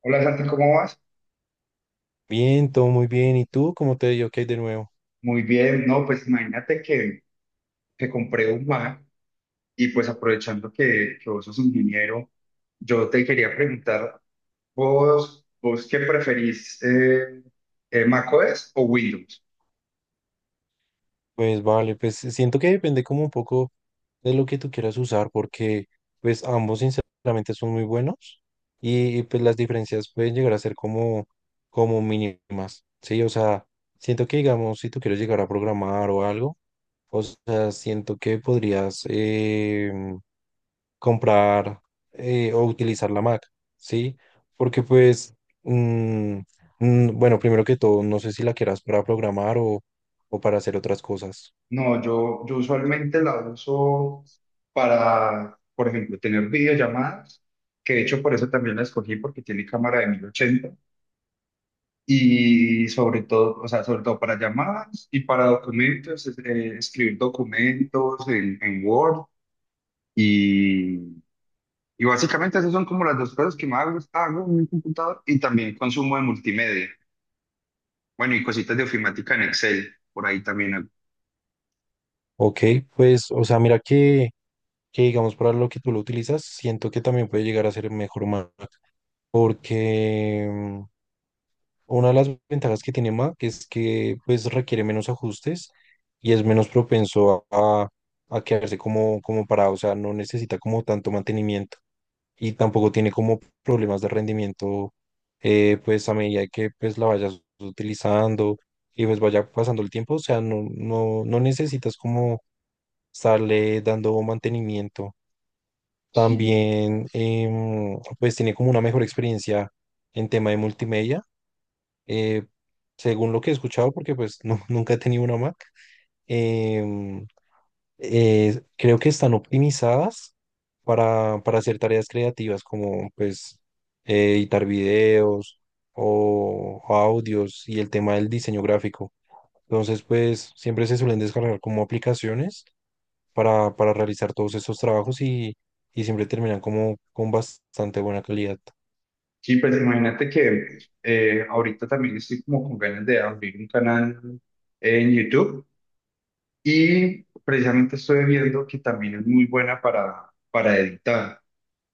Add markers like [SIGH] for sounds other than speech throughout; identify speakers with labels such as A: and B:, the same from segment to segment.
A: Hola Santi, ¿cómo vas?
B: Bien, todo muy bien. ¿Y tú cómo te dio qué hay de nuevo?
A: Muy bien, no, pues imagínate que compré un Mac y pues aprovechando que vos sos ingeniero, yo te quería preguntar, ¿vos qué preferís, macOS o Windows?
B: Pues vale, pues siento que depende como un poco de lo que tú quieras usar, porque pues ambos sinceramente son muy buenos y, pues las diferencias pueden llegar a ser como mínimas, ¿sí? O sea, siento que digamos, si tú quieres llegar a programar o algo, o sea, siento que podrías comprar o utilizar la Mac, ¿sí? Porque pues, mm, bueno, primero que todo, no sé si la quieras para programar o para hacer otras cosas.
A: No, yo usualmente la uso para, por ejemplo, tener videollamadas, que de hecho por eso también la escogí porque tiene cámara de 1080. Y sobre todo, o sea, sobre todo para llamadas y para documentos, escribir documentos en Word. Y, y básicamente esas son como las dos cosas que más hago en mi computador y también consumo de multimedia. Bueno, y cositas de ofimática en Excel, por ahí también hago.
B: Ok, pues, o sea, mira que digamos para lo que tú lo utilizas, siento que también puede llegar a ser mejor Mac, porque una de las ventajas que tiene Mac es que pues requiere menos ajustes y es menos propenso a quedarse como parado, o sea, no necesita como tanto mantenimiento. Y tampoco tiene como problemas de rendimiento, pues a medida que pues la vayas utilizando y pues vaya pasando el tiempo, o sea, no, no, no necesitas como estarle dando mantenimiento.
A: Sí,
B: También pues tiene como una mejor experiencia en tema de multimedia, eh, según lo que he escuchado, porque pues no, [LAUGHS] nunca he tenido una Mac. em, Creo que están optimizadas para hacer tareas creativas como pues editar videos o audios y el tema del diseño gráfico. Entonces, pues siempre se suelen descargar como aplicaciones para realizar todos esos trabajos y siempre terminan como con bastante buena calidad.
A: sí, pues imagínate que ahorita también estoy como con ganas de abrir un canal en YouTube y precisamente estoy viendo que también es muy buena para editar.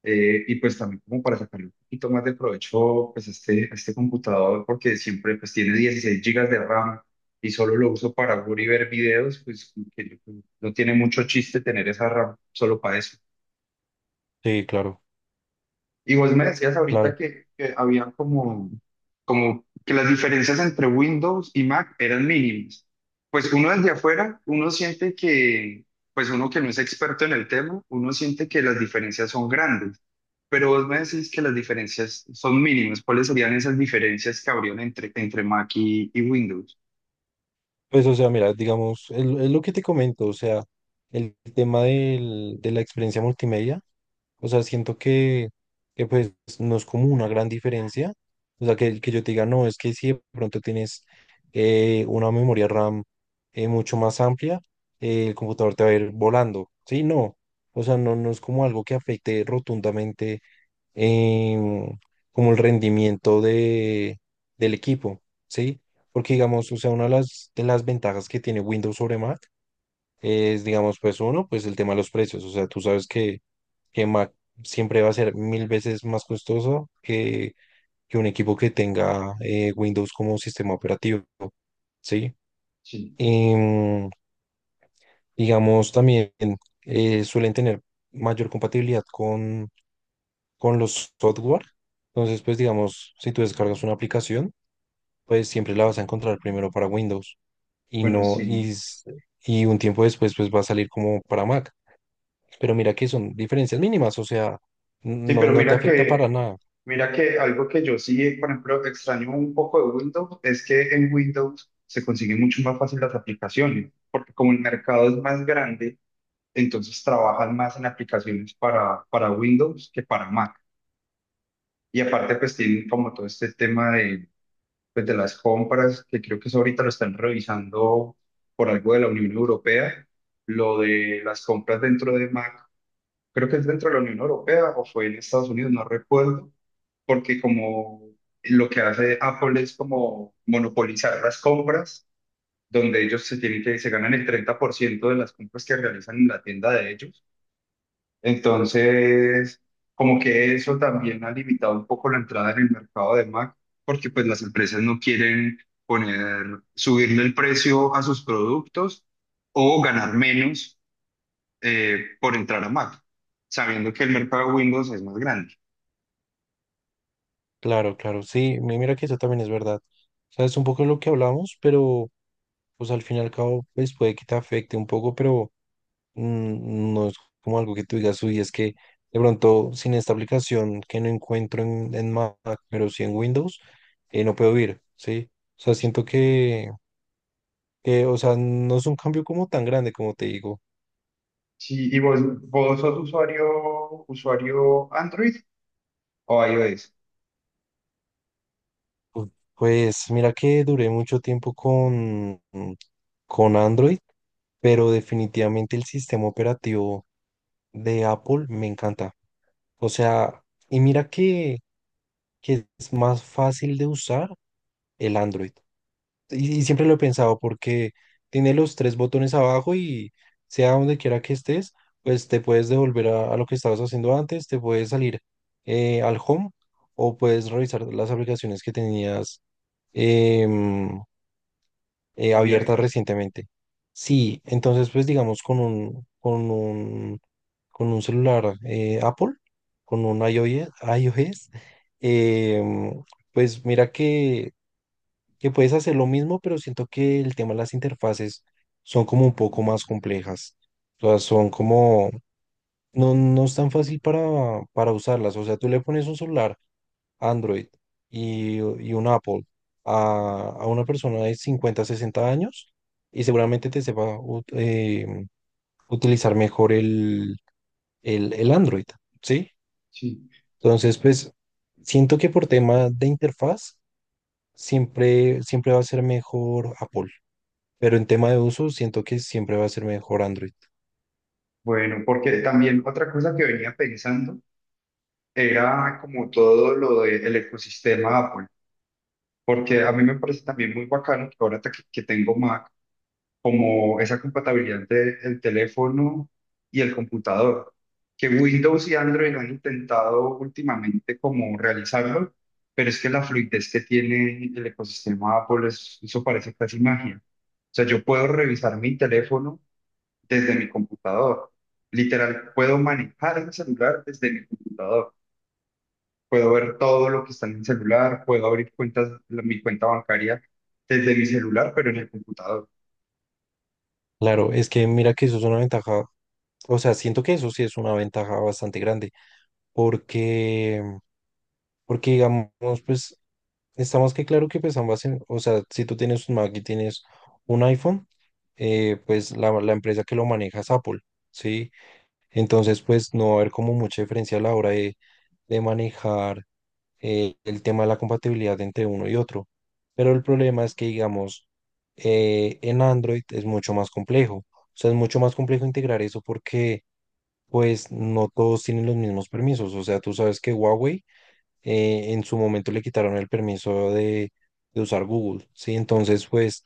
A: Y pues también como para sacarle un poquito más de provecho pues a este computador porque siempre pues tiene 16 gigas de RAM y solo lo uso para jugar y ver videos, pues como que no tiene mucho chiste tener esa RAM solo para eso.
B: Sí, claro,
A: Y vos me decías
B: claro.
A: ahorita que había como que las diferencias entre Windows y Mac eran mínimas. Pues uno desde afuera, uno siente que, pues uno que no es experto en el tema, uno siente que las diferencias son grandes. Pero vos me decís que las diferencias son mínimas. ¿Cuáles serían esas diferencias que habrían entre Mac y Windows?
B: Pues, o sea, mira, digamos, es lo que te comento, o sea, el tema de la experiencia multimedia. O sea, siento que pues no es como una gran diferencia. O sea, que yo te diga, no, es que si de pronto tienes una memoria RAM mucho más amplia, el computador te va a ir volando. Sí, no. O sea, no, no es como algo que afecte rotundamente, em, como el rendimiento del equipo, ¿sí? Porque digamos, o sea, una de las ventajas que tiene Windows sobre Mac es, digamos, pues uno, pues el tema de los precios. O sea, tú sabes que Mac siempre va a ser 1000 veces más costoso que un equipo que tenga Windows como sistema operativo, ¿sí?
A: Sí,
B: Em, digamos, también suelen tener mayor compatibilidad con los software. Entonces, pues digamos, si tú descargas una aplicación, pues siempre la vas a encontrar primero para Windows y
A: bueno,
B: no,
A: sí.
B: y un tiempo después, pues va a salir como para Mac. Pero mira que son diferencias mínimas, o sea,
A: Sí,
B: no,
A: pero
B: no te
A: mira
B: afecta para
A: que,
B: nada.
A: mira que algo que yo sí, por ejemplo, extraño un poco de Windows es que en Windows se consiguen mucho más fácil las aplicaciones, porque como el mercado es más grande, entonces trabajan más en aplicaciones para Windows que para Mac. Y aparte, pues tienen como todo este tema de las compras, que creo que eso ahorita lo están revisando por algo de la Unión Europea, lo de las compras dentro de Mac, creo que es dentro de la Unión Europea o fue en Estados Unidos, no recuerdo porque como lo que hace Apple es como monopolizar las compras, donde ellos se tienen que, se ganan el 30% de las compras que realizan en la tienda de ellos. Entonces, como que eso también ha limitado un poco la entrada en el mercado de Mac, porque pues las empresas no quieren poner, subirle el precio a sus productos o ganar menos por entrar a Mac, sabiendo que el mercado de Windows es más grande.
B: Claro, claro, sí, mira que eso también es verdad. O sea, es un poco lo que hablamos, pero pues al fin y al cabo, pues puede que te afecte un poco, pero no es como algo que tú digas, uy, es que de pronto sin esta aplicación que no encuentro en Mac, pero sí en Windows, no puedo ir, ¿sí? O sea, siento que, o sea, no es un cambio como tan grande como te digo.
A: Sí, ¿y vos sos usuario Android o iOS?
B: Pu- Pues mira que duré mucho tiempo con Android, pero definitivamente el sistema operativo de Apple me encanta. O sea, y mira que es más fácil de usar el Android. Y siempre lo he pensado porque tiene los tres botones abajo y sea donde quiera que estés, pues te puedes devolver a lo que estabas haciendo antes, te puedes salir al home o puedes revisar las aplicaciones que tenías, em, abiertas
A: Abiertas.
B: recientemente. Sí, entonces pues digamos con un celular Apple, con un iOS, iOS em, pues mira que puedes hacer lo mismo, pero siento que el tema de las interfaces son como un poco más complejas. O sea, son como, no, no es tan fácil para usarlas. O sea, tú le pones un celular Android y un Apple a una persona de 50 60 años y seguramente te sepa utilizar mejor el Android, ¿sí?
A: Sí.
B: Entonces, pues siento que por tema de interfaz siempre, siempre va a ser mejor Apple, pero en tema de uso siento que siempre va a ser mejor Android.
A: Bueno, porque también otra cosa que venía pensando era como todo lo del ecosistema Apple, porque a mí me parece también muy bacano que ahora que tengo Mac. Como esa compatibilidad entre el teléfono y el computador, que Windows y Android han intentado últimamente como realizarlo, pero es que la fluidez que tiene el ecosistema Apple, eso parece casi magia. O sea, yo puedo revisar mi teléfono desde mi computador. Literal, puedo manejar el celular desde mi computador. Puedo ver todo lo que está en el celular, puedo abrir cuentas, mi cuenta bancaria desde mi celular, pero en el computador.
B: Claro, es que mira que eso es una ventaja, o sea, siento que eso sí es una ventaja bastante grande porque, porque, digamos, pues está más que claro que pues ambas, o sea, si tú tienes un Mac y tienes un iPhone, pues la empresa que lo maneja es Apple, ¿sí? Entonces pues no va a haber como mucha diferencia a la hora de manejar el tema de la compatibilidad entre uno y otro. Pero el problema es que, digamos, en Android es mucho más complejo. O sea, es mucho más complejo integrar eso porque pues no todos tienen los mismos permisos. O sea, tú sabes que Huawei en su momento le quitaron el permiso de usar Google, ¿sí? Entonces, pues,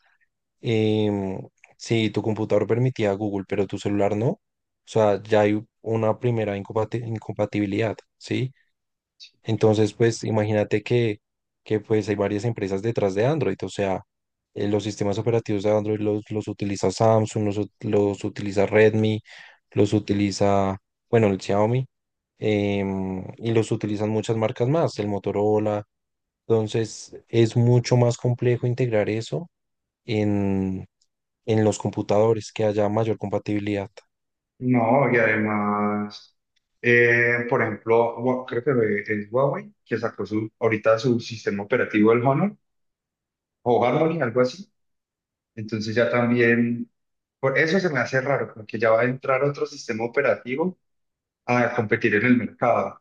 B: em, si tu computador permitía Google, pero tu celular no, o sea, ya hay una primera incompatibilidad, ¿sí? Entonces, pues imagínate que pues hay varias empresas detrás de Android, o sea, los sistemas operativos de Android los utiliza Samsung, los utiliza Redmi, los utiliza, bueno, el Xiaomi, y los utilizan muchas marcas más, el Motorola. Entonces, es mucho más complejo integrar eso en, en los computadores, que haya mayor compatibilidad.
A: No, y además, por ejemplo, creo que es Huawei que sacó su, ahorita su sistema operativo, el Honor o Harmony, algo así. Entonces ya también, por eso se me hace raro, porque ya va a entrar otro sistema operativo a competir en el mercado.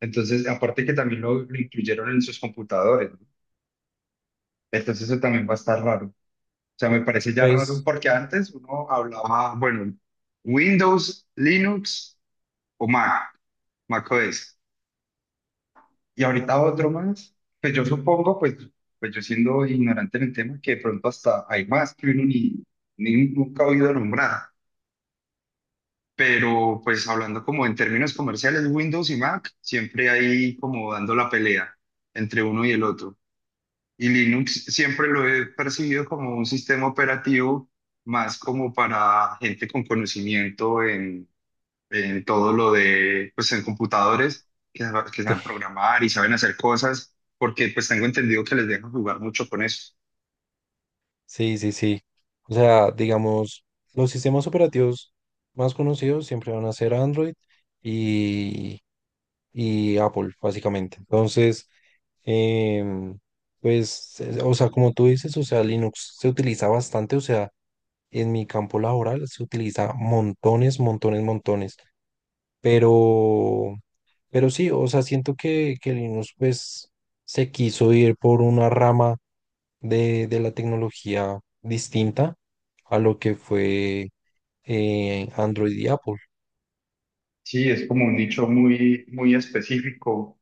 A: Entonces, aparte que también lo incluyeron en sus computadores, ¿no? Entonces eso también va a estar raro. O sea, me parece ya raro
B: Pues
A: porque antes uno hablaba, bueno, Windows, Linux o Mac, Mac OS. Y ahorita otro más, pues yo supongo, pues, pues yo siendo ignorante en el tema, que de pronto hasta hay más que uno ni nunca ha oído nombrar. Pero pues hablando como en términos comerciales, Windows y Mac siempre hay como dando la pelea entre uno y el otro. Y Linux siempre lo he percibido como un sistema operativo más como para gente con conocimiento en todo lo de, pues en computadores, que, que saben programar y saben hacer cosas, porque pues tengo entendido que les dejan jugar mucho con eso.
B: sí, sí, sí. O sea, digamos, los sistemas operativos más conocidos siempre van a ser Android y, y Apple, básicamente. Entonces, em, pues, o sea, como tú dices, o sea, Linux se utiliza bastante, o sea, en mi campo laboral se utiliza montones, montones, montones. Pero, pero sí, o sea, siento que Linux, pues, se quiso ir por una rama de la tecnología distinta a lo que fue Android y Apple.
A: Sí, es como un nicho muy, muy específico,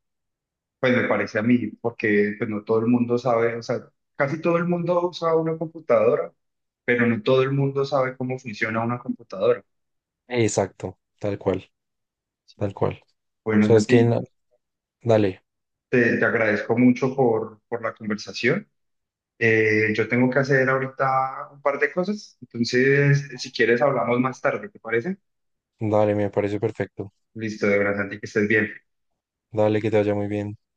A: pues me parece a mí, porque pues no todo el mundo sabe, o sea, casi todo el mundo usa una computadora, pero no todo el mundo sabe cómo funciona una computadora.
B: Exacto, tal cual,
A: Sí.
B: tal cual. O
A: Bueno,
B: sea, es que,
A: Santi,
B: dale,
A: te agradezco mucho por la conversación. Yo tengo que hacer ahorita un par de cosas, entonces si quieres hablamos más tarde, ¿te parece?
B: dale, me parece perfecto.
A: Listo, de verdad, Santi, que estés bien.
B: Dale, que te vaya muy bien.